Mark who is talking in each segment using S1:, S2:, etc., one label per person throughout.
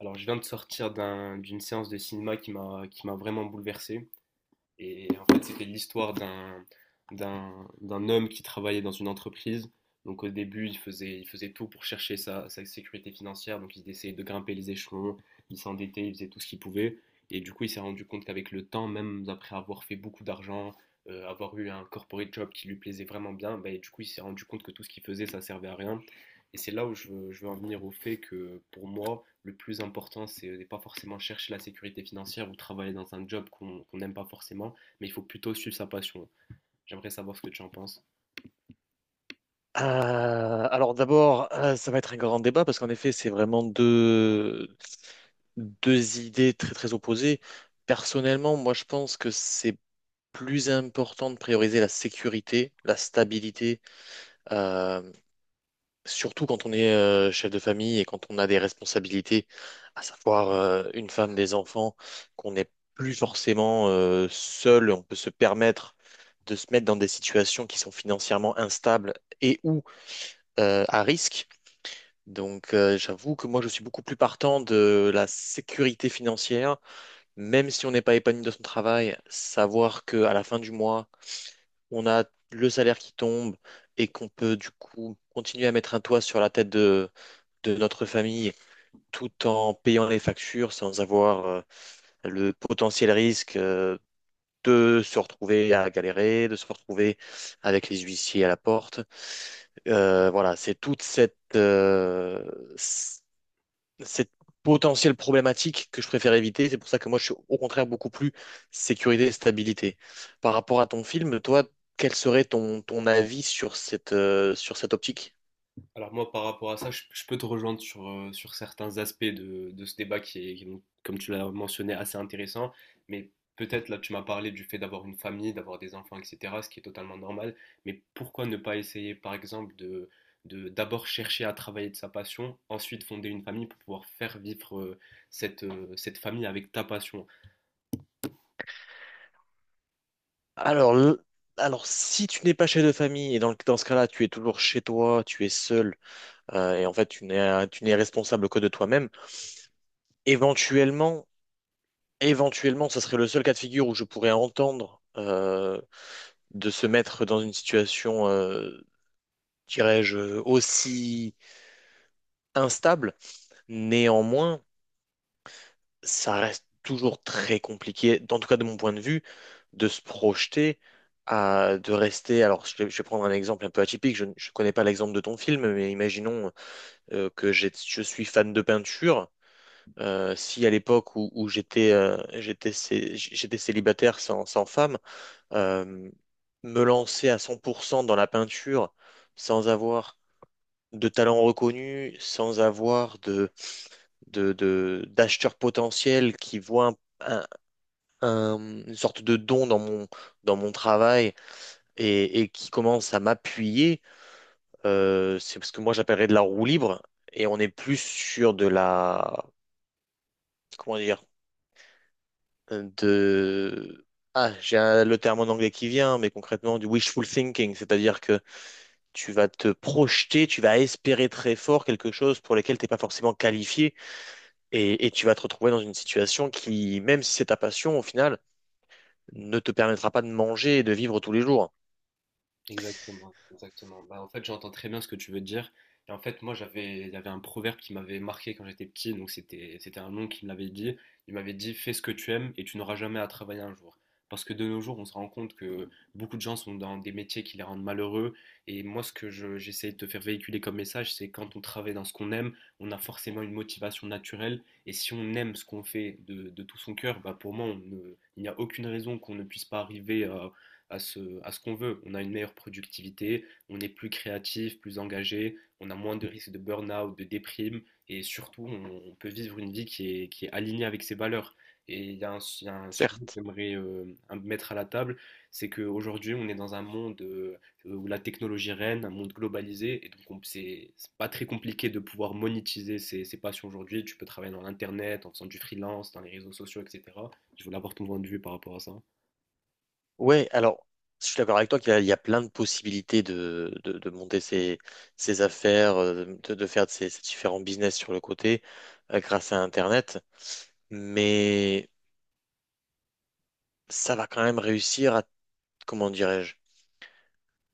S1: Alors, je viens de sortir d'une séance de cinéma qui m'a vraiment bouleversé. Et en fait, c'était l'histoire d'un homme qui travaillait dans une entreprise. Donc, au début, il faisait tout pour chercher sa sécurité financière. Donc, il essayait de grimper les échelons, il s'endettait, il faisait tout ce qu'il pouvait. Et du coup, il s'est rendu compte qu'avec le temps, même après avoir fait beaucoup d'argent, avoir eu un corporate job qui lui plaisait vraiment bien, bah, du coup, il s'est rendu compte que tout ce qu'il faisait, ça servait à rien. Et c'est là où je veux en venir au fait que pour moi, le plus important, c'est de ne pas forcément chercher la sécurité financière ou travailler dans un job qu n'aime pas forcément, mais il faut plutôt suivre sa passion. J'aimerais savoir ce que tu en penses.
S2: Alors d'abord, ça va être un grand débat parce qu'en effet, c'est vraiment deux idées très très opposées. Personnellement, moi je pense que c'est plus important de prioriser la sécurité, la stabilité, euh, surtout quand on est chef de famille et quand on a des responsabilités, à savoir une femme, des enfants, qu'on n'est plus forcément seul, on peut se permettre de se mettre dans des situations qui sont financièrement instables et ou à risque. Donc, j'avoue que moi, je suis beaucoup plus partant de la sécurité financière, même si on n'est pas épanoui dans son travail, savoir qu'à la fin du mois, on a le salaire qui tombe et qu'on peut du coup continuer à mettre un toit sur la tête de notre famille tout en payant les factures sans avoir le potentiel risque de se retrouver à galérer, de se retrouver avec les huissiers à la porte. Voilà, c'est toute cette potentielle problématique que je préfère éviter. C'est pour ça que moi, je suis au contraire beaucoup plus sécurité et stabilité. Par rapport à ton film, toi, quel serait ton avis sur cette optique?
S1: Alors moi, par rapport à ça, je peux te rejoindre sur, sur certains aspects de ce débat qui est comme tu l'as mentionné, assez intéressant, mais peut-être là, tu m'as parlé du fait d'avoir une famille, d'avoir des enfants, etc., ce qui est totalement normal, mais pourquoi ne pas essayer, par exemple, de d'abord chercher à travailler de sa passion, ensuite fonder une famille pour pouvoir faire vivre cette, cette famille avec ta passion.
S2: Alors, le- alors, si tu n'es pas chez de famille, et dans ce cas-là, tu es toujours chez toi, tu es seul, et en fait, tu n'es responsable que de toi-même, éventuellement, éventuellement, ce serait le seul cas de figure où je pourrais entendre de se mettre dans une situation, dirais-je, aussi instable. Néanmoins, ça reste toujours très compliqué, en tout cas de mon point de vue, de se projeter à de rester. Alors, je vais prendre un exemple un peu atypique. Je connais pas l'exemple de ton film, mais imaginons que je suis fan de peinture. Si à l'époque où j'étais célibataire sans femme, euh, me lancer à 100% dans la peinture sans avoir de talent reconnu, sans avoir d'acheteurs potentiels qui voient un- un- une sorte de don dans dans mon travail et qui commencent à m'appuyer, c'est ce que moi j'appellerais de la roue libre. Et on est plus sur de la... Comment dire? De... Ah, le terme en anglais qui vient, mais concrètement du wishful thinking, c'est-à-dire que tu vas te projeter, tu vas espérer très fort quelque chose pour lequel tu n'es pas forcément qualifié et tu vas te retrouver dans une situation qui, même si c'est ta passion, au final, ne te permettra pas de manger et de vivre tous les jours,
S1: Exactement, exactement. Bah, en fait, j'entends très bien ce que tu veux dire. Et en fait, moi, j'avais, il y avait un proverbe qui m'avait marqué quand j'étais petit. Donc, c'était un oncle qui me l'avait dit. Il m'avait dit, fais ce que tu aimes et tu n'auras jamais à travailler un jour. Parce que de nos jours, on se rend compte que beaucoup de gens sont dans des métiers qui les rendent malheureux. Et moi, ce que j'essaie de te faire véhiculer comme message, c'est quand on travaille dans ce qu'on aime, on a forcément une motivation naturelle. Et si on aime ce qu'on fait de tout son cœur, bah, pour moi, on ne- il n'y a aucune raison qu'on ne puisse pas arriver à à ce qu'on veut. On a une meilleure productivité, on est plus créatif, plus engagé, on a moins de risques de burn-out, de déprime, et surtout, on peut vivre une vie qui est alignée avec ses valeurs. Et il y a il y a un sujet que
S2: certes.
S1: j'aimerais mettre à la table, c'est qu'aujourd'hui, on est dans un monde où la technologie règne, un monde globalisé, et donc c'est pas très compliqué de pouvoir monétiser ses, ses passions aujourd'hui. Tu peux travailler dans l'internet, en faisant du freelance, dans les réseaux sociaux, etc. Je voulais avoir ton point de vue par rapport à ça.
S2: Ouais, alors, je suis d'accord avec toi qu'il y a plein de possibilités de monter ses affaires, de faire de ses différents business sur le côté, grâce à Internet, mais ça va quand même réussir à, comment dirais-je,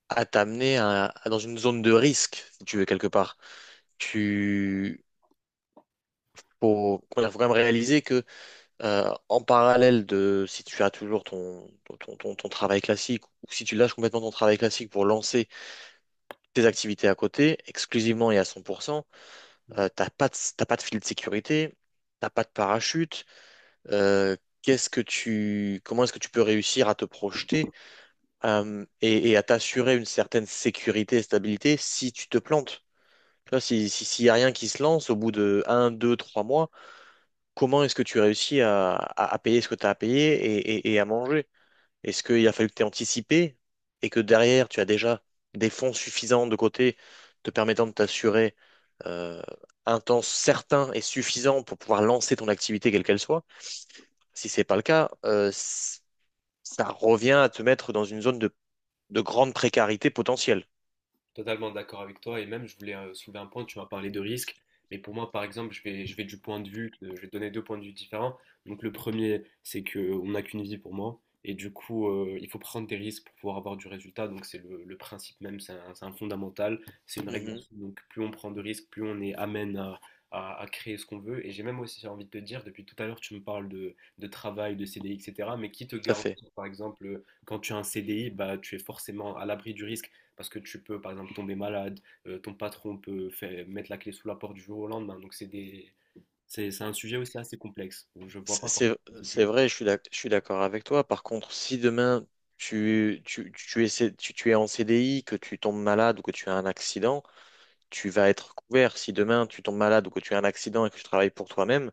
S2: à t'amener dans une zone de risque, si tu veux, quelque part. Tu, Faut quand même réaliser en parallèle de si tu as toujours ton travail classique ou si tu lâches complètement ton travail classique pour lancer tes activités à côté, exclusivement et à 100%, t'as pas de filet de sécurité, t'as pas de parachute. euh, Comment est-ce que tu peux réussir à te projeter et à t'assurer une certaine sécurité et stabilité si tu te plantes? Tu vois, si, si, s'il n'y a rien qui se lance au bout de un, 2, 3 mois, comment est-ce que tu réussis à payer ce que tu as à payer et à manger? Est-ce qu'il a fallu que tu aies anticipé et que derrière, tu as déjà des fonds suffisants de côté te permettant de t'assurer euh, un temps certain et suffisant pour pouvoir lancer ton activité, quelle qu'elle soit? Si c'est pas le cas, ça revient à te mettre dans une zone de grande précarité potentielle.
S1: Totalement d'accord avec toi et même je voulais soulever un point, tu m'as parlé de risque, mais pour moi par exemple je vais du point de vue, je vais te donner deux points de vue différents. Donc le premier c'est que on n'a qu'une vie pour moi et du coup il faut prendre des risques pour pouvoir avoir du résultat, donc c'est le principe même, c'est un fondamental, c'est une règle à
S2: Mhm,
S1: suivre. Donc plus on prend de risques, plus on est amène à créer ce qu'on veut et j'ai même aussi envie de te dire, depuis tout à l'heure tu me parles de travail, de CDI, etc., mais qui te
S2: tout à fait.
S1: garantit par exemple quand tu as un CDI, bah, tu es forcément à l'abri du risque parce que tu peux, par exemple, tomber malade, ton patron peut mettre la clé sous la porte du jour au lendemain. Donc, c'est des... c'est un sujet aussi assez complexe. Je vois pas pourquoi.
S2: C'est vrai, je suis d'accord avec toi. Par contre, si demain tu es en CDI, que tu tombes malade ou que tu as un accident, tu vas être couvert. Si demain tu tombes malade ou que tu as un accident et que tu travailles pour toi-même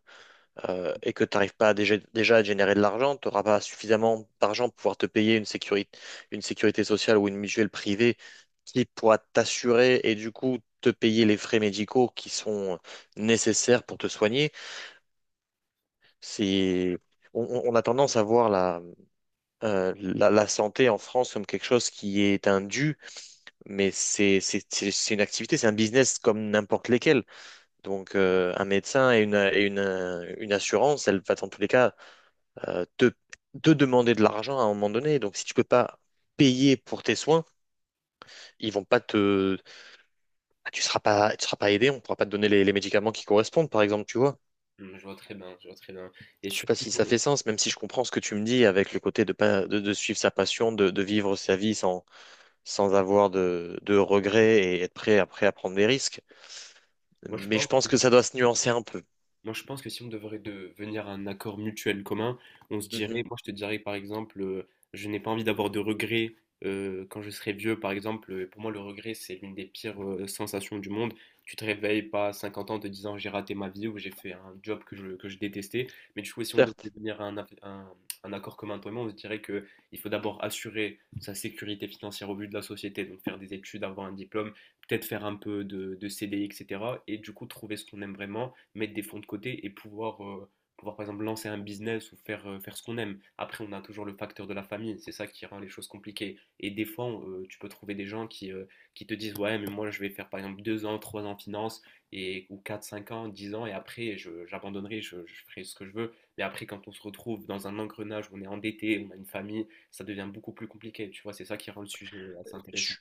S2: et que tu n'arrives pas à déjà à générer de l'argent, tu n'auras pas suffisamment d'argent pour pouvoir te payer une sécurité sociale ou une mutuelle privée qui pourra t'assurer et du coup te payer les frais médicaux qui sont nécessaires pour te soigner. C'est, on a tendance à voir la santé en France comme quelque chose qui est un dû, mais c'est une activité, c'est un business comme n'importe lesquels. Donc, un médecin et une assurance, elle va dans tous les cas euh, te, te demander de l'argent à un moment donné. Donc, si tu peux pas payer pour tes soins, ils vont pas te, tu seras pas aidé, on pourra pas te donner les médicaments qui correspondent, par exemple, tu vois.
S1: Mm, je vois très bien, je vois très bien. Et
S2: Je sais pas
S1: surtout,
S2: si ça
S1: euh,
S2: fait sens, même si je comprends ce que tu me dis avec le côté de pas de suivre sa passion, de vivre sa vie sans avoir de regrets et être prêt après à prendre des risques.
S1: moi, je
S2: Mais je
S1: pense.
S2: pense que ça doit se nuancer un peu.
S1: Moi, je pense que si on devrait devenir un accord mutuel commun, on se dirait,
S2: Mhm,
S1: moi je te dirais par exemple, je n'ai pas envie d'avoir de regrets quand je serai vieux, par exemple. Pour moi, le regret, c'est l'une des pires sensations du monde. Tu te réveilles pas à 50 ans en te disant j'ai raté ma vie ou j'ai fait un job que que je détestais. Mais du coup, si on devait
S2: certes.
S1: devenir un accord commun, toi et moi, on se dirait que il faut d'abord assurer sa sécurité financière au vu de la société, donc faire des études, avoir un diplôme, peut-être faire un peu de CDI, etc. Et cetera. Et du coup, trouver ce qu'on aime vraiment mettre des fonds de côté et pouvoir, pouvoir par exemple lancer un business ou faire, faire ce qu'on aime. Après, on a toujours le facteur de la famille, c'est ça qui rend les choses compliquées. Et des fois, tu peux trouver des gens qui qui te disent ouais, mais moi je vais faire par exemple 2 ans, 3 ans en finance, et, ou 4 5 ans, 10 ans, et après j'abandonnerai, je ferai ce que je veux. Mais après, quand on se retrouve dans un engrenage où on est endetté, on a une famille, ça devient beaucoup plus compliqué, tu vois, c'est ça qui rend le sujet assez intéressant.
S2: Je-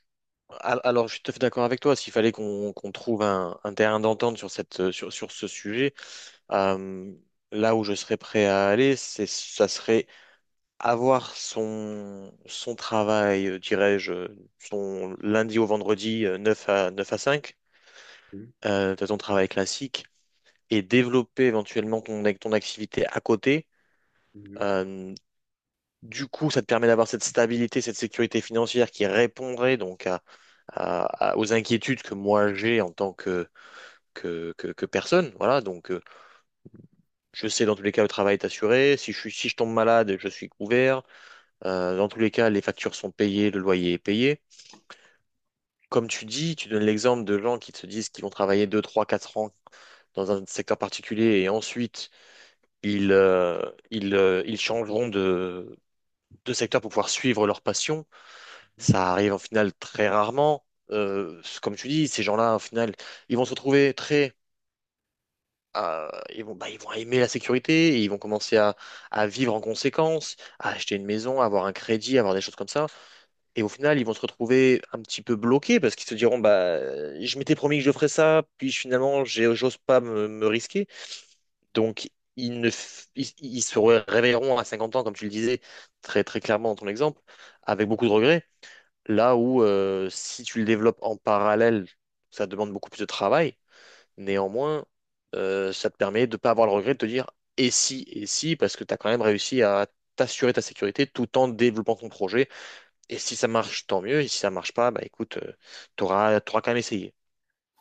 S2: alors, je suis tout à fait d'accord avec toi. S'il fallait qu'on trouve un terrain d'entente sur sur ce sujet, euh, là où je serais prêt à aller, c'est ça serait avoir son travail, dirais-je, son lundi au vendredi, euh, 9 à 9 à 5.
S1: Mhm,
S2: De ton travail classique et développer éventuellement ton activité à côté.
S1: mhm.
S2: Euh, du coup, ça te permet d'avoir cette stabilité, cette sécurité financière qui répondrait donc aux inquiétudes que moi j'ai en tant que personne. Voilà, donc je sais dans tous les cas le travail est assuré. Si je tombe malade, je suis couvert. Dans tous les cas, les factures sont payées, le loyer est payé. Comme tu dis, tu donnes l'exemple de gens qui se disent qu'ils vont travailler 2 3 4 ans dans un secteur particulier et ensuite ils, euh, ils changeront de secteur pour pouvoir suivre leur passion. Ça arrive en final très rarement. Comme tu dis, ces gens-là, au final, ils vont se retrouver très... euh, bah, ils vont aimer la sécurité, et ils vont commencer à vivre en conséquence, à acheter une maison, à avoir un crédit, à avoir des choses comme ça. Et au final, ils vont se retrouver un petit peu bloqués parce qu'ils se diront, bah, je m'étais promis que je ferais ça, puis finalement, j'ose pas me risquer. Donc, ils, ne f- ils- ils se réveilleront à 50 ans, comme tu le disais très, très clairement dans ton exemple, avec beaucoup de regrets. Là où, si tu le développes en parallèle, ça demande beaucoup plus de travail. Néanmoins, ça te permet de ne pas avoir le regret de te dire et si, parce que tu as quand même réussi à t'assurer ta sécurité tout en développant ton projet. Et si ça marche, tant mieux. Et si ça marche pas, bah écoute, quand même essayé.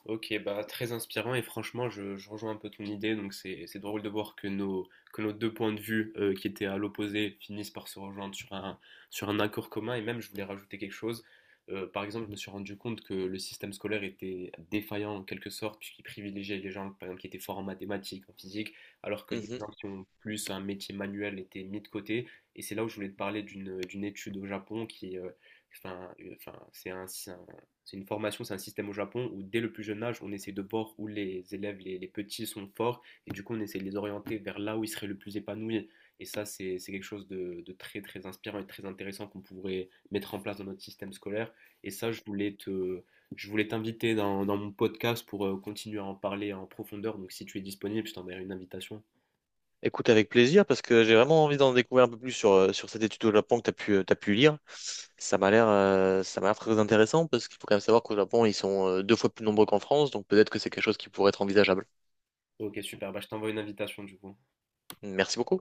S1: Ok, bah très inspirant et franchement, je rejoins un peu ton idée. Donc c'est drôle de voir que nos deux points de vue qui étaient à l'opposé finissent par se rejoindre sur un accord commun. Et même, je voulais rajouter quelque chose. Par exemple, je me suis rendu compte que le système scolaire était défaillant en quelque sorte puisqu'il privilégiait les gens, par exemple, qui étaient forts en mathématiques, en physique, alors que des gens qui ont plus un métier manuel étaient mis de côté. Et c'est là où je voulais te parler d'une étude au Japon qui Enfin, enfin, c'est un, c'est un- c'est une formation, c'est un système au Japon où dès le plus jeune âge, on essaie de voir où les élèves, les petits sont forts, et du coup, on essaie de les orienter vers là où ils seraient le plus épanouis. Et ça, c'est quelque chose de très, très inspirant et très intéressant qu'on pourrait mettre en place dans notre système scolaire. Et ça, je voulais t'inviter dans mon podcast pour continuer à en parler en profondeur. Donc, si tu es disponible, je t'enverrai une invitation.
S2: Écoute, avec plaisir, parce que j'ai vraiment envie d'en découvrir un peu plus sur cette étude au Japon que t'as pu lire. Ça m'a l'air très intéressant, parce qu'il faut quand même savoir qu'au Japon, ils sont deux fois plus nombreux qu'en France, donc peut-être que c'est quelque chose qui pourrait être envisageable.
S1: Ok, super. Bah, je t'envoie une invitation, du coup.
S2: Merci beaucoup.